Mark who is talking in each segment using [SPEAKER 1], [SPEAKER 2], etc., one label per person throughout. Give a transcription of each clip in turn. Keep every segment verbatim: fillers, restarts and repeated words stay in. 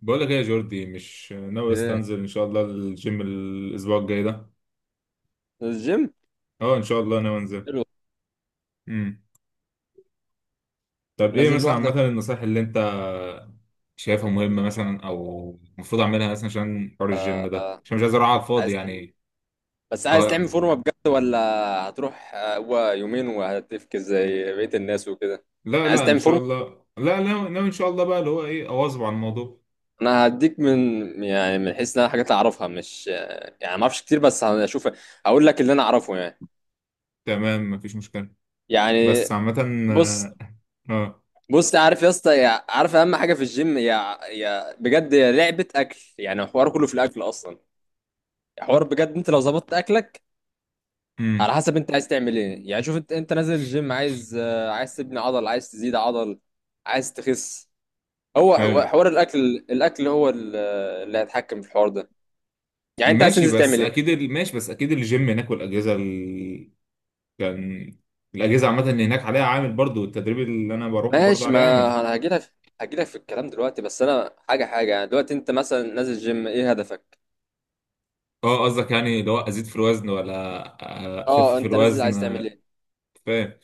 [SPEAKER 1] بقول لك ايه يا جوردي، مش ناوي
[SPEAKER 2] ايه؟
[SPEAKER 1] استنزل ان شاء الله الجيم الاسبوع الجاي ده.
[SPEAKER 2] الجيم؟
[SPEAKER 1] اه ان شاء الله ناوي انزل.
[SPEAKER 2] حلو.
[SPEAKER 1] امم طب ايه
[SPEAKER 2] نازل
[SPEAKER 1] مثلا
[SPEAKER 2] لوحدك؟
[SPEAKER 1] عامه النصائح اللي انت شايفها مهمه مثلا او المفروض اعملها مثلا عشان حوار الجيم ده،
[SPEAKER 2] آه،
[SPEAKER 1] عشان مش عايز اروح على الفاضي
[SPEAKER 2] عايز ت-
[SPEAKER 1] يعني؟
[SPEAKER 2] بس عايز تعمل
[SPEAKER 1] اه.
[SPEAKER 2] فورمه بجد ولا هتروح؟ آه، هو يومين وهتفكس زي بقيه الناس وكده.
[SPEAKER 1] لا
[SPEAKER 2] عايز
[SPEAKER 1] لا ان
[SPEAKER 2] تعمل
[SPEAKER 1] شاء
[SPEAKER 2] فورمه.
[SPEAKER 1] الله، لا لا ناوي ان شاء الله بقى اللي هو ايه، اواظب على الموضوع.
[SPEAKER 2] انا هديك من، يعني من حيث ان انا حاجات اعرفها، مش آه، يعني ما اعرفش كتير بس هشوف اقول لك اللي انا اعرفه يعني.
[SPEAKER 1] تمام، مفيش مشكله.
[SPEAKER 2] يعني
[SPEAKER 1] بس عامه.
[SPEAKER 2] بص.
[SPEAKER 1] اه. آه،
[SPEAKER 2] بص عارف يا اسطى، يع- عارف اهم حاجه في الجيم، يا يا بجد، يا لعبه اكل. يعني الحوار كله في الاكل اصلا، حوار بجد. انت لو ظبطت اكلك
[SPEAKER 1] امم
[SPEAKER 2] على حسب انت عايز تعمل ايه، يعني شوف انت، انت نازل الجيم عايز آه، عايز تبني عضل، عايز تزيد عضل، عايز تخس؟ هو هو
[SPEAKER 1] ايوه.
[SPEAKER 2] حوار الاكل، الاكل هو ال- اللي هيتحكم في الحوار ده. يعني انت عايز
[SPEAKER 1] ماشي
[SPEAKER 2] تنزل
[SPEAKER 1] بس
[SPEAKER 2] تعمل ايه؟
[SPEAKER 1] اكيد ال- ماشي بس اكيد الجيم هناك والاجهزه ال- كان الاجهزه عامه اللي هناك عليها عامل برضو، التدريب اللي انا بروحه برضو
[SPEAKER 2] ماشي،
[SPEAKER 1] عليه
[SPEAKER 2] ما
[SPEAKER 1] عامل.
[SPEAKER 2] انا هجيلك. هجيلك في الكلام دلوقتي، بس انا حاجه حاجه يعني، دلوقتي انت مثلا نازل جيم، ايه هدفك؟
[SPEAKER 1] اه، قصدك يعني لو ازيد في الوزن ولا اخف
[SPEAKER 2] اه،
[SPEAKER 1] في
[SPEAKER 2] انت نازل
[SPEAKER 1] الوزن؟
[SPEAKER 2] عايز تعمل ايه؟
[SPEAKER 1] فاهم.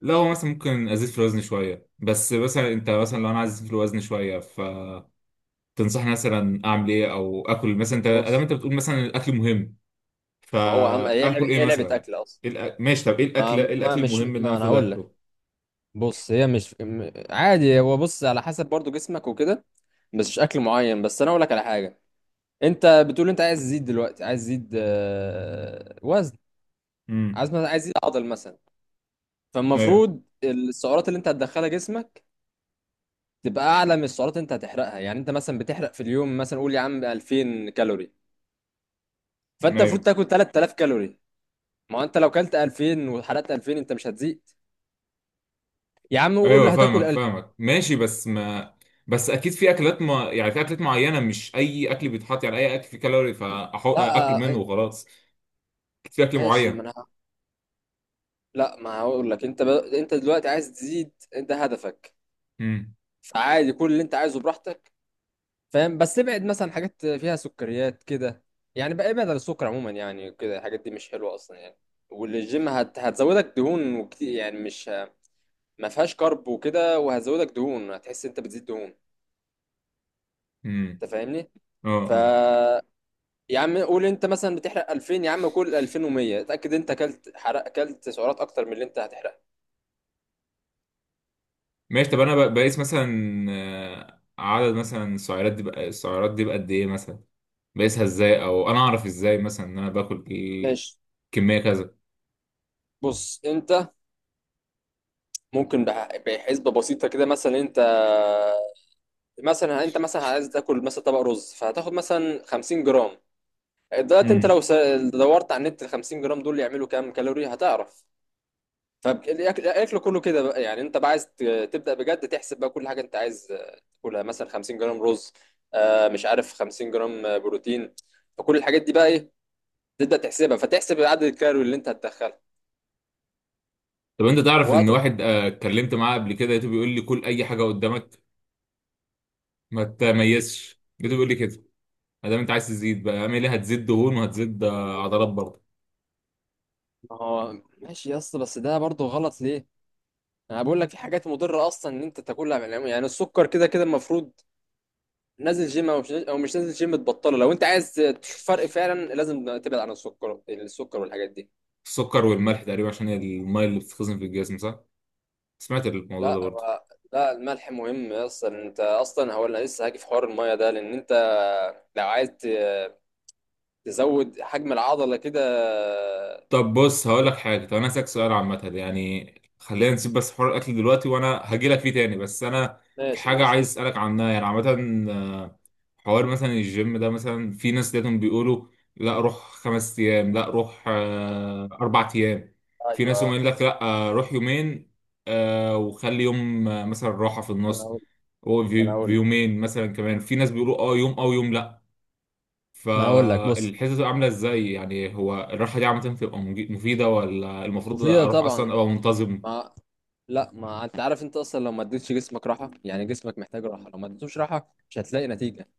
[SPEAKER 1] لا، هو مثلا ممكن ازيد في الوزن شويه، بس مثلا انت مثلا لو انا عايز ازيد في الوزن شويه فتنصحني مثلا اعمل ايه او اكل مثلا، انت ادام
[SPEAKER 2] بص،
[SPEAKER 1] انت بتقول مثلا الاكل مهم،
[SPEAKER 2] ما هو اهم، هي لعبه،
[SPEAKER 1] فاكل ايه
[SPEAKER 2] هي لعبه
[SPEAKER 1] مثلا؟
[SPEAKER 2] اكل اصلا.
[SPEAKER 1] إيه الأ- ماشي، طب ايه الاكل،
[SPEAKER 2] ما
[SPEAKER 1] ايه
[SPEAKER 2] ما
[SPEAKER 1] الاكل
[SPEAKER 2] مش
[SPEAKER 1] المهم اللي انا
[SPEAKER 2] ما انا
[SPEAKER 1] المفروض
[SPEAKER 2] هقول لك.
[SPEAKER 1] اكله؟
[SPEAKER 2] بص، هي مش م- عادي، هو بص على حسب برضو جسمك وكده، بس مش اكل معين. بس انا اقول لك على حاجه. انت بتقول انت عايز تزيد، دلوقتي عايز تزيد آه، وزن،
[SPEAKER 1] امم
[SPEAKER 2] عايز مثلا عايز تزيد عضل مثلا.
[SPEAKER 1] ايوه،
[SPEAKER 2] فالمفروض السعرات اللي انت هتدخلها جسمك تبقى اعلى من السعرات اللي انت هتحرقها. يعني انت مثلا بتحرق في اليوم مثلا، قول يا عم ألفين كالوري، فانت
[SPEAKER 1] ايوه،
[SPEAKER 2] المفروض تاكل ثلاثة آلاف كالوري. ما هو انت لو كلت ألفين وحرقت ألفين انت مش هتزيد. يا عم قول
[SPEAKER 1] ايوه
[SPEAKER 2] هتاكل
[SPEAKER 1] فاهمك
[SPEAKER 2] ألفين.
[SPEAKER 1] فاهمك ماشي بس ما. بس اكيد في اكلات ما يعني في اكلات معينه، مش اي اكل بيتحط، يعني اي اكل فيه كالوري فاحط
[SPEAKER 2] لا
[SPEAKER 1] اكل منه
[SPEAKER 2] آه،
[SPEAKER 1] وخلاص؟ اكيد في اكل
[SPEAKER 2] ماشي. ما
[SPEAKER 1] معين.
[SPEAKER 2] انا لا ما هقول لك. انت ب... انت دلوقتي عايز تزيد، انت هدفك،
[SPEAKER 1] امم.
[SPEAKER 2] فعادي كل اللي انت عايزه براحتك، فاهم؟ بس ابعد مثلا حاجات فيها سكريات كده، يعني بقى ابعد عن السكر عموما. يعني كده الحاجات دي مش حلوه اصلا يعني، والجيم هت... هتزودك دهون، وكتير يعني، مش ما فيهاش كارب وكده، وهتزودك دهون، هتحس انت بتزيد دهون،
[SPEAKER 1] امم.
[SPEAKER 2] انت فاهمني؟
[SPEAKER 1] اه،
[SPEAKER 2] ف
[SPEAKER 1] اه.
[SPEAKER 2] يا عم قول انت مثلا بتحرق ألفين، يا عم كل ألفين ومية، اتاكد انت اكلت حرق اكلت سعرات اكتر من اللي انت هتحرقها.
[SPEAKER 1] ماشي، طب انا ب- بقيس مثلا آه، عدد مثلا السعرات دي بقى، السعرات دي بقى قد ايه مثلا؟ بقيسها ازاي، او انا اعرف ازاي مثلا ان انا باكل ايه
[SPEAKER 2] ماشي،
[SPEAKER 1] كميه كذا؟
[SPEAKER 2] بص، انت ممكن بح- بحسبه بسيطه كده. مثلا انت، مثلا انت مثلا عايز تاكل مثلا طبق رز، فهتاخد مثلا خمسين جرام. دلوقتي انت
[SPEAKER 1] امم.
[SPEAKER 2] لو س- دورت على النت ال خمسين جرام دول يعملوا كام كالوري هتعرف. فالاكل كله كده بقى، يعني انت بقى عايز ت- تبدا بجد تحسب بقى كل حاجه انت عايز آه، تاكلها، مثلا خمسين جرام رز، آه، مش عارف، خمسين جرام آه، بروتين، فكل الحاجات دي بقى ايه؟ تبدا تحسبها، فتحسب عدد الكالوري اللي انت هتدخلها
[SPEAKER 1] طب انت تعرف ان
[SPEAKER 2] وهتروح.
[SPEAKER 1] واحد آه، اتكلمت معاه قبل كده، لقيته بيقول لي كل اي حاجه قدامك، ما تميزش، لقيته بيقول لي كده. ما دام انت عايز تزيد بقى، اعمل ايه؟ هتزيد دهون وهتزيد آه، عضلات برضه؟
[SPEAKER 2] ما هو ماشي يا اسطى، بس ده برضه غلط ليه؟ انا بقول لك في حاجات مضره اصلا ان انت تاكلها، يعني السكر كده كده المفروض، نازل جيم او مش، او مش نازل جيم تبطله. لو انت عايز تشوف فرق فعلا لازم تبعد عن السكر، السكر والحاجات دي.
[SPEAKER 1] السكر والملح تقريبا، عشان هي الميه اللي بتتخزن في الجسم، صح؟ سمعت الموضوع ده
[SPEAKER 2] لا
[SPEAKER 1] برضه.
[SPEAKER 2] بقى، لا الملح مهم اصلا. انت اصلا هو انا لسه هاجي في حوار الميه ده، لان انت لو عايز ت- تزود حجم العضله كده.
[SPEAKER 1] طب بص هقول لك حاجه، طب انا هسألك سؤال عامه يعني، خلينا نسيب بس حوار الاكل دلوقتي وانا هجي لك فيه تاني، بس انا في
[SPEAKER 2] ماشي
[SPEAKER 1] حاجه
[SPEAKER 2] ماشي،
[SPEAKER 1] عايز اسالك عنها يعني عامه. حوار مثلا الجيم ده، مثلا في ناس دايما بيقولوا لا روح خمس ايام، لا روح آه، اربع ايام، في ناس
[SPEAKER 2] ايوه
[SPEAKER 1] يقول لك لا آه، روح يومين آه، وخلي يوم آه، مثلا راحة في
[SPEAKER 2] ما انا
[SPEAKER 1] النص،
[SPEAKER 2] اقول ما انا اقول
[SPEAKER 1] ويومين مثلا كمان، في ناس بيقولوا اه يوم او يوم لا.
[SPEAKER 2] ما انا اقول لك. بص،
[SPEAKER 1] فالحته بتبقى عامله ازاي يعني؟ هو الراحه دي عامه بتبقى مج- مفيده، ولا المفروض
[SPEAKER 2] مفيده
[SPEAKER 1] اروح
[SPEAKER 2] طبعا.
[SPEAKER 1] اصلا ابقى منتظم؟
[SPEAKER 2] ما لا، ما انت عارف انت اصلا لو ما اديتش جسمك راحه. يعني جسمك محتاج راحه، لو ما اديتوش راحه مش هتلاقي نتيجه.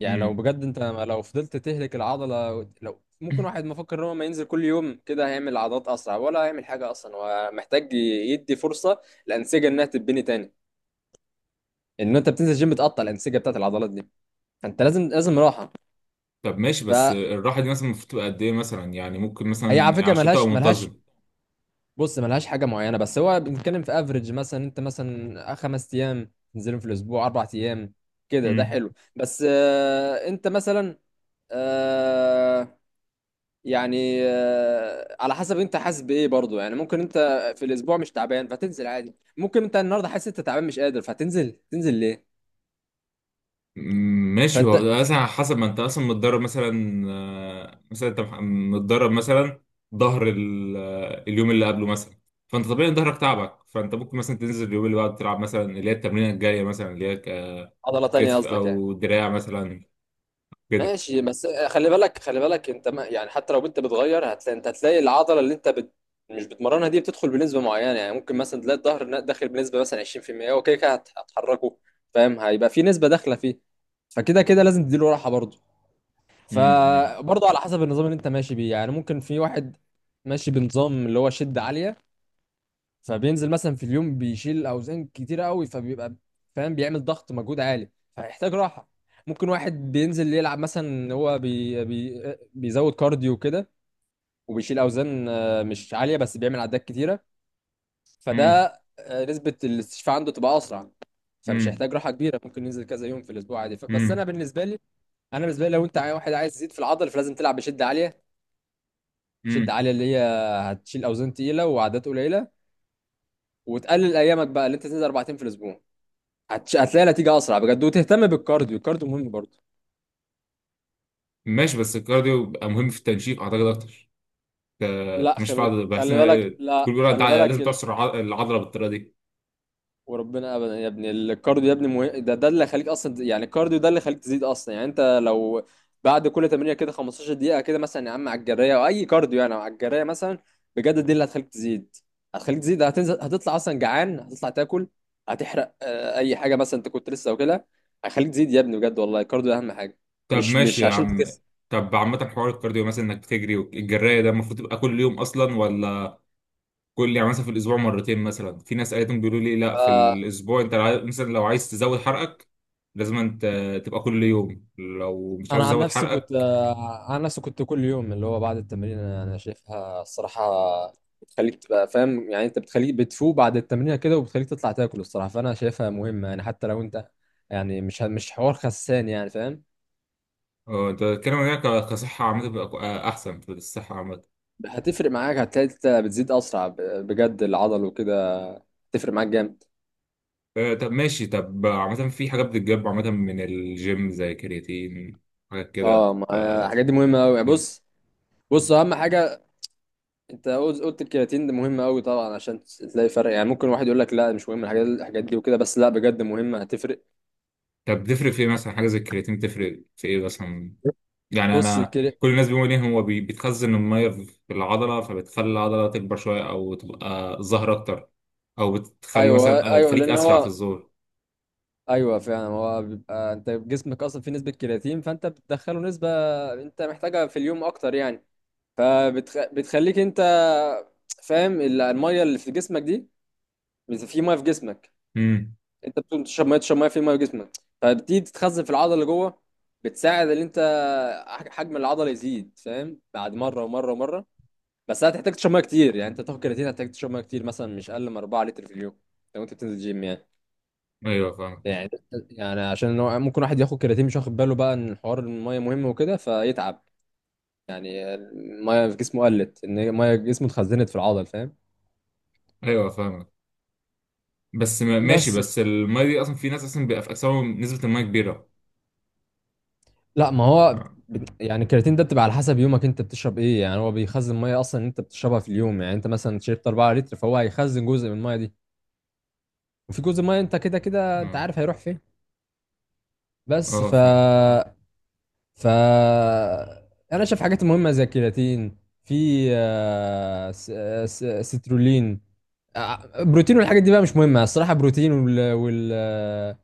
[SPEAKER 2] يعني لو
[SPEAKER 1] امم.
[SPEAKER 2] بجد انت لو فضلت تهلك العضله، لو ممكن واحد مفكر ان هو ما ينزل كل يوم كده هيعمل عضلات اسرع، ولا هيعمل حاجه اصلا؟ هو محتاج يدي فرصه الانسجه انها تتبني تاني، ان انت بتنزل جيم بتقطع الانسجه بتاعت العضلات دي، فانت لازم لازم راحه.
[SPEAKER 1] طب ماشي، بس
[SPEAKER 2] فهي
[SPEAKER 1] الراحه دي مثلا المفروض تبقى قد ايه مثلا؟ يعني ممكن
[SPEAKER 2] على
[SPEAKER 1] مثلا
[SPEAKER 2] فكره
[SPEAKER 1] عشان تبقى
[SPEAKER 2] ملهاش ملهاش.
[SPEAKER 1] منتظم.
[SPEAKER 2] بص، ملهاش حاجه معينه، بس هو بنتكلم في افريج. مثلا انت مثلا خمس ايام تنزلهم في الاسبوع، اربع ايام كده ده حلو. بس آه انت مثلا آه، يعني آه، على حسب انت حاسس بايه برضو. يعني ممكن انت في الاسبوع مش تعبان فتنزل عادي. ممكن انت النهارده حاسس انت تعبان مش قادر فتنزل، تنزل ليه؟
[SPEAKER 1] ماشي، هو
[SPEAKER 2] فانت
[SPEAKER 1] بيبقى مثلا على حسب ما انت اصلا متدرب مثلا، آه، مثلا انت مح- متدرب مثلا ظهر ال- آه، اليوم اللي قبله مثلا، فانت طبيعي إن ظهرك تعبك، فانت ممكن مثلا تنزل اليوم اللي بعده تلعب مثلا اللي هي التمرينه الجايه مثلا اللي هي ك-
[SPEAKER 2] عضله تانية
[SPEAKER 1] كتف
[SPEAKER 2] قصدك يعني؟
[SPEAKER 1] او دراع مثلا كده.
[SPEAKER 2] ماشي، بس آه، خلي بالك، خلي بالك انت، ما يعني حتى لو انت بتغير هتلاقي، انت هتلاقي العضله اللي انت بت... مش بتمرنها دي بتدخل بنسبه معينه. يعني ممكن مثلا تلاقي الظهر داخل بنسبه مثلا عشرين في المية. اوكي، كده كده هت- هتحركه، فاهم؟ هيبقى في نسبه داخله فيه، فكده كده لازم تديله راحه برضو.
[SPEAKER 1] امم.
[SPEAKER 2] فبرضه على حسب النظام اللي انت ماشي بيه. يعني ممكن في واحد ماشي بنظام اللي هو شدة عالية، فبينزل مثلا في اليوم بيشيل اوزان كتيرة قوي، فبيبقى فاهم بيعمل ضغط مجهود عالي، فيحتاج راحة. ممكن واحد بينزل يلعب مثلا إن هو بي بي بيزود كارديو كده، وبيشيل اوزان آه، مش عالية بس بيعمل عدات كتيرة،
[SPEAKER 1] امم.
[SPEAKER 2] فده آه، نسبة الاستشفاء عنده تبقى اسرع، فمش
[SPEAKER 1] امم.
[SPEAKER 2] هيحتاج راحة كبيرة، ممكن ينزل كذا يوم في الاسبوع عادي، ف- بس انا
[SPEAKER 1] امم.
[SPEAKER 2] بالنسبة لي، انا بالنسبة لي، لو انت عاي- واحد عايز يزيد في العضل فلازم تلعب بشدة عالية. شد
[SPEAKER 1] امم.
[SPEAKER 2] عالية اللي هي هتشيل أوزان تقيلة وعدات قليلة، وتقلل أيامك بقى، اللي أنت تنزل أربع أيام في الأسبوع هتش... هتلاقي نتيجة أسرع بجد. وتهتم بالكارديو، الكارديو مهم برضه.
[SPEAKER 1] ماشي، بس الكارديو بيبقى مهم في التنشيف، اعتقد اكتر. ت-
[SPEAKER 2] لا
[SPEAKER 1] مش
[SPEAKER 2] خلي،
[SPEAKER 1] فاضي، بس إن-
[SPEAKER 2] خلي بالك
[SPEAKER 1] كل
[SPEAKER 2] لا
[SPEAKER 1] بيقولوا انت
[SPEAKER 2] خلي بالك،
[SPEAKER 1] لازم تعصر الع- العضله بالطريقه دي.
[SPEAKER 2] وربنا ابدا يا ابني، الكارديو يا ابني مه... ده ده اللي خليك اصلا. يعني الكارديو ده اللي خليك تزيد اصلا. يعني انت لو بعد كل تمرينه كده خمستاشر دقيقه كده مثلا يا عم على الجريه، او اي كارديو يعني، على الجريه مثلا، بجد دي اللي هتخليك تزيد. هتخليك تزيد، هتنزل هتطلع اصلا جعان، هتطلع تاكل، هتحرق آه، اي حاجه مثلا انت كنت لسه واكلها، هيخليك تزيد يا ابني بجد، والله الكارديو اهم حاجه،
[SPEAKER 1] طب
[SPEAKER 2] مش
[SPEAKER 1] ماشي
[SPEAKER 2] مش
[SPEAKER 1] يا
[SPEAKER 2] عشان
[SPEAKER 1] عم،
[SPEAKER 2] تخس.
[SPEAKER 1] طب عامة حوار الكارديو مثلا، انك بتجري والجراية ده، المفروض تبقى كل يوم اصلا، ولا كل يعني مثلا في الاسبوع مرتين مثلا؟ في ناس قالتهم بيقولوا لي لا، في
[SPEAKER 2] آه،
[SPEAKER 1] الاسبوع انت عايز- مثلا لو عايز تزود حرقك لازم انت تبقى كل يوم، لو مش
[SPEAKER 2] انا
[SPEAKER 1] عايز
[SPEAKER 2] عن
[SPEAKER 1] تزود
[SPEAKER 2] نفسي كنت،
[SPEAKER 1] حرقك.
[SPEAKER 2] آه، عن نفسي كنت كل يوم، اللي هو بعد التمرين، انا أنا شايفها الصراحه بتخليك تبقى فاهم يعني، انت بتخليك بتفوق بعد التمرين كده، وبتخليك تطلع تاكل الصراحه، فانا شايفها مهمه. يعني حتى لو انت، يعني مش مش حوار خسان يعني فاهم.
[SPEAKER 1] اه، انت بتتكلم عن إنها ك- كصحة عامة، تبقى احسن في الصحة عامة؟
[SPEAKER 2] هتفرق معاك، هتلاقي انت بتزيد اسرع ب- بجد العضل وكده، تفرق معاك جامد.
[SPEAKER 1] اه، طب ماشي، طب عامة في حاجات بتتجاب عامة من الجيم زي كرياتين، حاجات
[SPEAKER 2] اه
[SPEAKER 1] كده
[SPEAKER 2] ما-
[SPEAKER 1] ف...
[SPEAKER 2] آه، الحاجات دي مهمه قوي. بص، بص اهم حاجه، انت قلت قلت الكرياتين ده مهم قوي طبعا، عشان تلاقي فرق. يعني ممكن واحد يقول لك لا مش مهم الحاجات، الحاجات دي وكده، بس لا بجد مهمه هتفرق.
[SPEAKER 1] طب بتفرق في ايه مثلا حاجة زي الكرياتين، بتفرق في ايه مثلا؟ يعني
[SPEAKER 2] بص
[SPEAKER 1] انا
[SPEAKER 2] الكري...
[SPEAKER 1] كل الناس بيقولوا ليه، هو بي- بيتخزن الميه في العضله فبتخلي العضله تكبر شويه او تبقى ظهر اكتر، او بتخلي
[SPEAKER 2] ايوه
[SPEAKER 1] مثلا آه،
[SPEAKER 2] ايوه
[SPEAKER 1] تخليك
[SPEAKER 2] لان
[SPEAKER 1] اسرع في
[SPEAKER 2] هو
[SPEAKER 1] الظهور.
[SPEAKER 2] ايوه فعلا. هو بيبقى انت جسمك اصلا فيه نسبه كرياتين، فانت بتدخله نسبه انت محتاجها في اليوم اكتر يعني، فبتخليك انت فاهم ال- الميه اللي في جسمك دي بت- في ميه في جسمك،
[SPEAKER 1] امم.
[SPEAKER 2] انت بتقوم تشرب ميه، تشرب ميه، في ميه في جسمك فبتيجي تتخزن في العضله اللي جوه، بتساعد ان انت ح- حجم العضله يزيد فاهم، بعد مره ومره ومره. بس هتحتاج تشرب ميه كتير، يعني انت تاخد كرياتين هتحتاج تشرب ميه كتير مثلا مش اقل من أربعة لتر في اليوم، لو انت بتنزل جيم يعني.
[SPEAKER 1] ايوه فاهم.
[SPEAKER 2] يعني يعني عشان هو ممكن واحد ياخد كرياتين مش واخد باله بقى ان حوار الميه مهم وكده فيتعب. يعني الميه في جسمه قلت، ان الميه في جسمه اتخزنت في العضل فاهم؟
[SPEAKER 1] ايوه فاهم. بس ما- ماشي،
[SPEAKER 2] بس
[SPEAKER 1] بس الميه دي اصلا في ناس اصلا بيبقى في اجسامهم نسبه الميه كبيره،
[SPEAKER 2] لا، ما هو
[SPEAKER 1] ف-
[SPEAKER 2] بت- يعني الكرياتين ده بتبقى على حسب يومك انت بتشرب ايه. يعني هو بيخزن ميه اصلا انت بتشربها في اليوم. يعني انت مثلا شربت أربعة لتر، فهو هيخزن جزء من الميه دي، وفي جزء ميه انت كده كده انت
[SPEAKER 1] اه.
[SPEAKER 2] عارف هيروح فين. بس
[SPEAKER 1] آه،
[SPEAKER 2] ف
[SPEAKER 1] فاهم.
[SPEAKER 2] ف انا شايف حاجات مهمه زي الكرياتين، في آه، س- آه، س- آه، سترولين، آه، بروتين، والحاجات دي بقى مش مهمه الصراحه. بروتين وال وال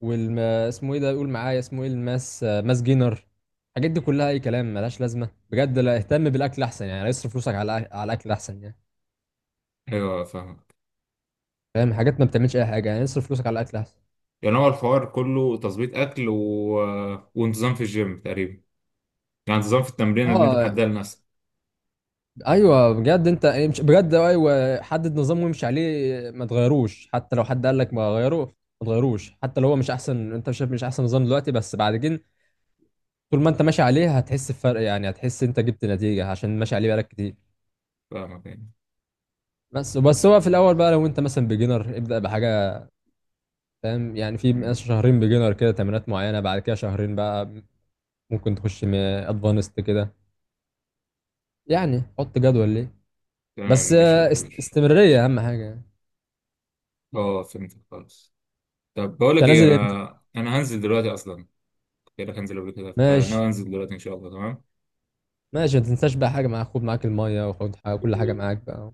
[SPEAKER 2] وال اسمه ايه ده؟ قول معايا اسمه ايه؟ الماس، آه، ماس جينر، الحاجات دي كلها اي كلام ملهاش لازمه بجد. لا اهتم بالاكل احسن يعني، اصرف فلوسك على الأ- على الاكل احسن يعني.
[SPEAKER 1] ايوه فاهم.
[SPEAKER 2] فاهم، حاجات ما بتعملش اي حاجه يعني، اصرف فلوسك على الاكل احسن.
[SPEAKER 1] يعني هو الحوار كله تظبيط اكل و... وانتظام في الجيم تقريبا، يعني انتظام في التمرين اللي انت
[SPEAKER 2] اه،
[SPEAKER 1] محددها لنفسك.
[SPEAKER 2] ايوه بجد انت، مش بجد، ايوه حدد نظام وامشي عليه، ما تغيروش حتى لو حد قال لك ما غيروه، ما تغيروش حتى لو هو مش احسن. انت شايف مش احسن نظام دلوقتي، بس بعد كده طول ما انت ماشي عليه هتحس بفرق. يعني هتحس انت جبت نتيجة عشان ماشي عليه بقالك كتير.
[SPEAKER 1] فاهمك يعني.
[SPEAKER 2] بس بس هو في الاول بقى، لو انت مثلا بيجنر، ابدأ بحاجة فاهم. يعني في ناس
[SPEAKER 1] مم.
[SPEAKER 2] شهرين بيجنر كده، تمرينات معينة، بعد كده شهرين بقى ممكن تخش ادفانست كده، يعني حط جدول ليه.
[SPEAKER 1] تمام،
[SPEAKER 2] بس
[SPEAKER 1] ماشي يا
[SPEAKER 2] آه، است-
[SPEAKER 1] كبير.
[SPEAKER 2] استمرارية اهم حاجة.
[SPEAKER 1] اه، فهمت خالص. طب بقول لك
[SPEAKER 2] انت
[SPEAKER 1] ايه،
[SPEAKER 2] نازل امتى؟
[SPEAKER 1] انا انا هنزل دلوقتي اصلا، كنت قايل لك هنزل قبل كده،
[SPEAKER 2] ماشي
[SPEAKER 1] فانا هنزل دلوقتي ان شاء الله، تمام.
[SPEAKER 2] ماشي، ما تنساش بقى حاجة معاك، خد معاك المية، وخد حاجة، كل حاجة معاك بقى.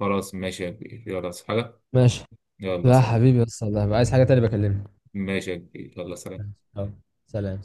[SPEAKER 1] خلاص ماشي يا كبير، يلا صحى حاجه.
[SPEAKER 2] ماشي.
[SPEAKER 1] يلا
[SPEAKER 2] لا
[SPEAKER 1] سلام.
[SPEAKER 2] حبيبي، بس الله عايز حاجة تانية بكلمك.
[SPEAKER 1] ماشي يا كبير، يلا سلام.
[SPEAKER 2] ماشي، يلا، سلام.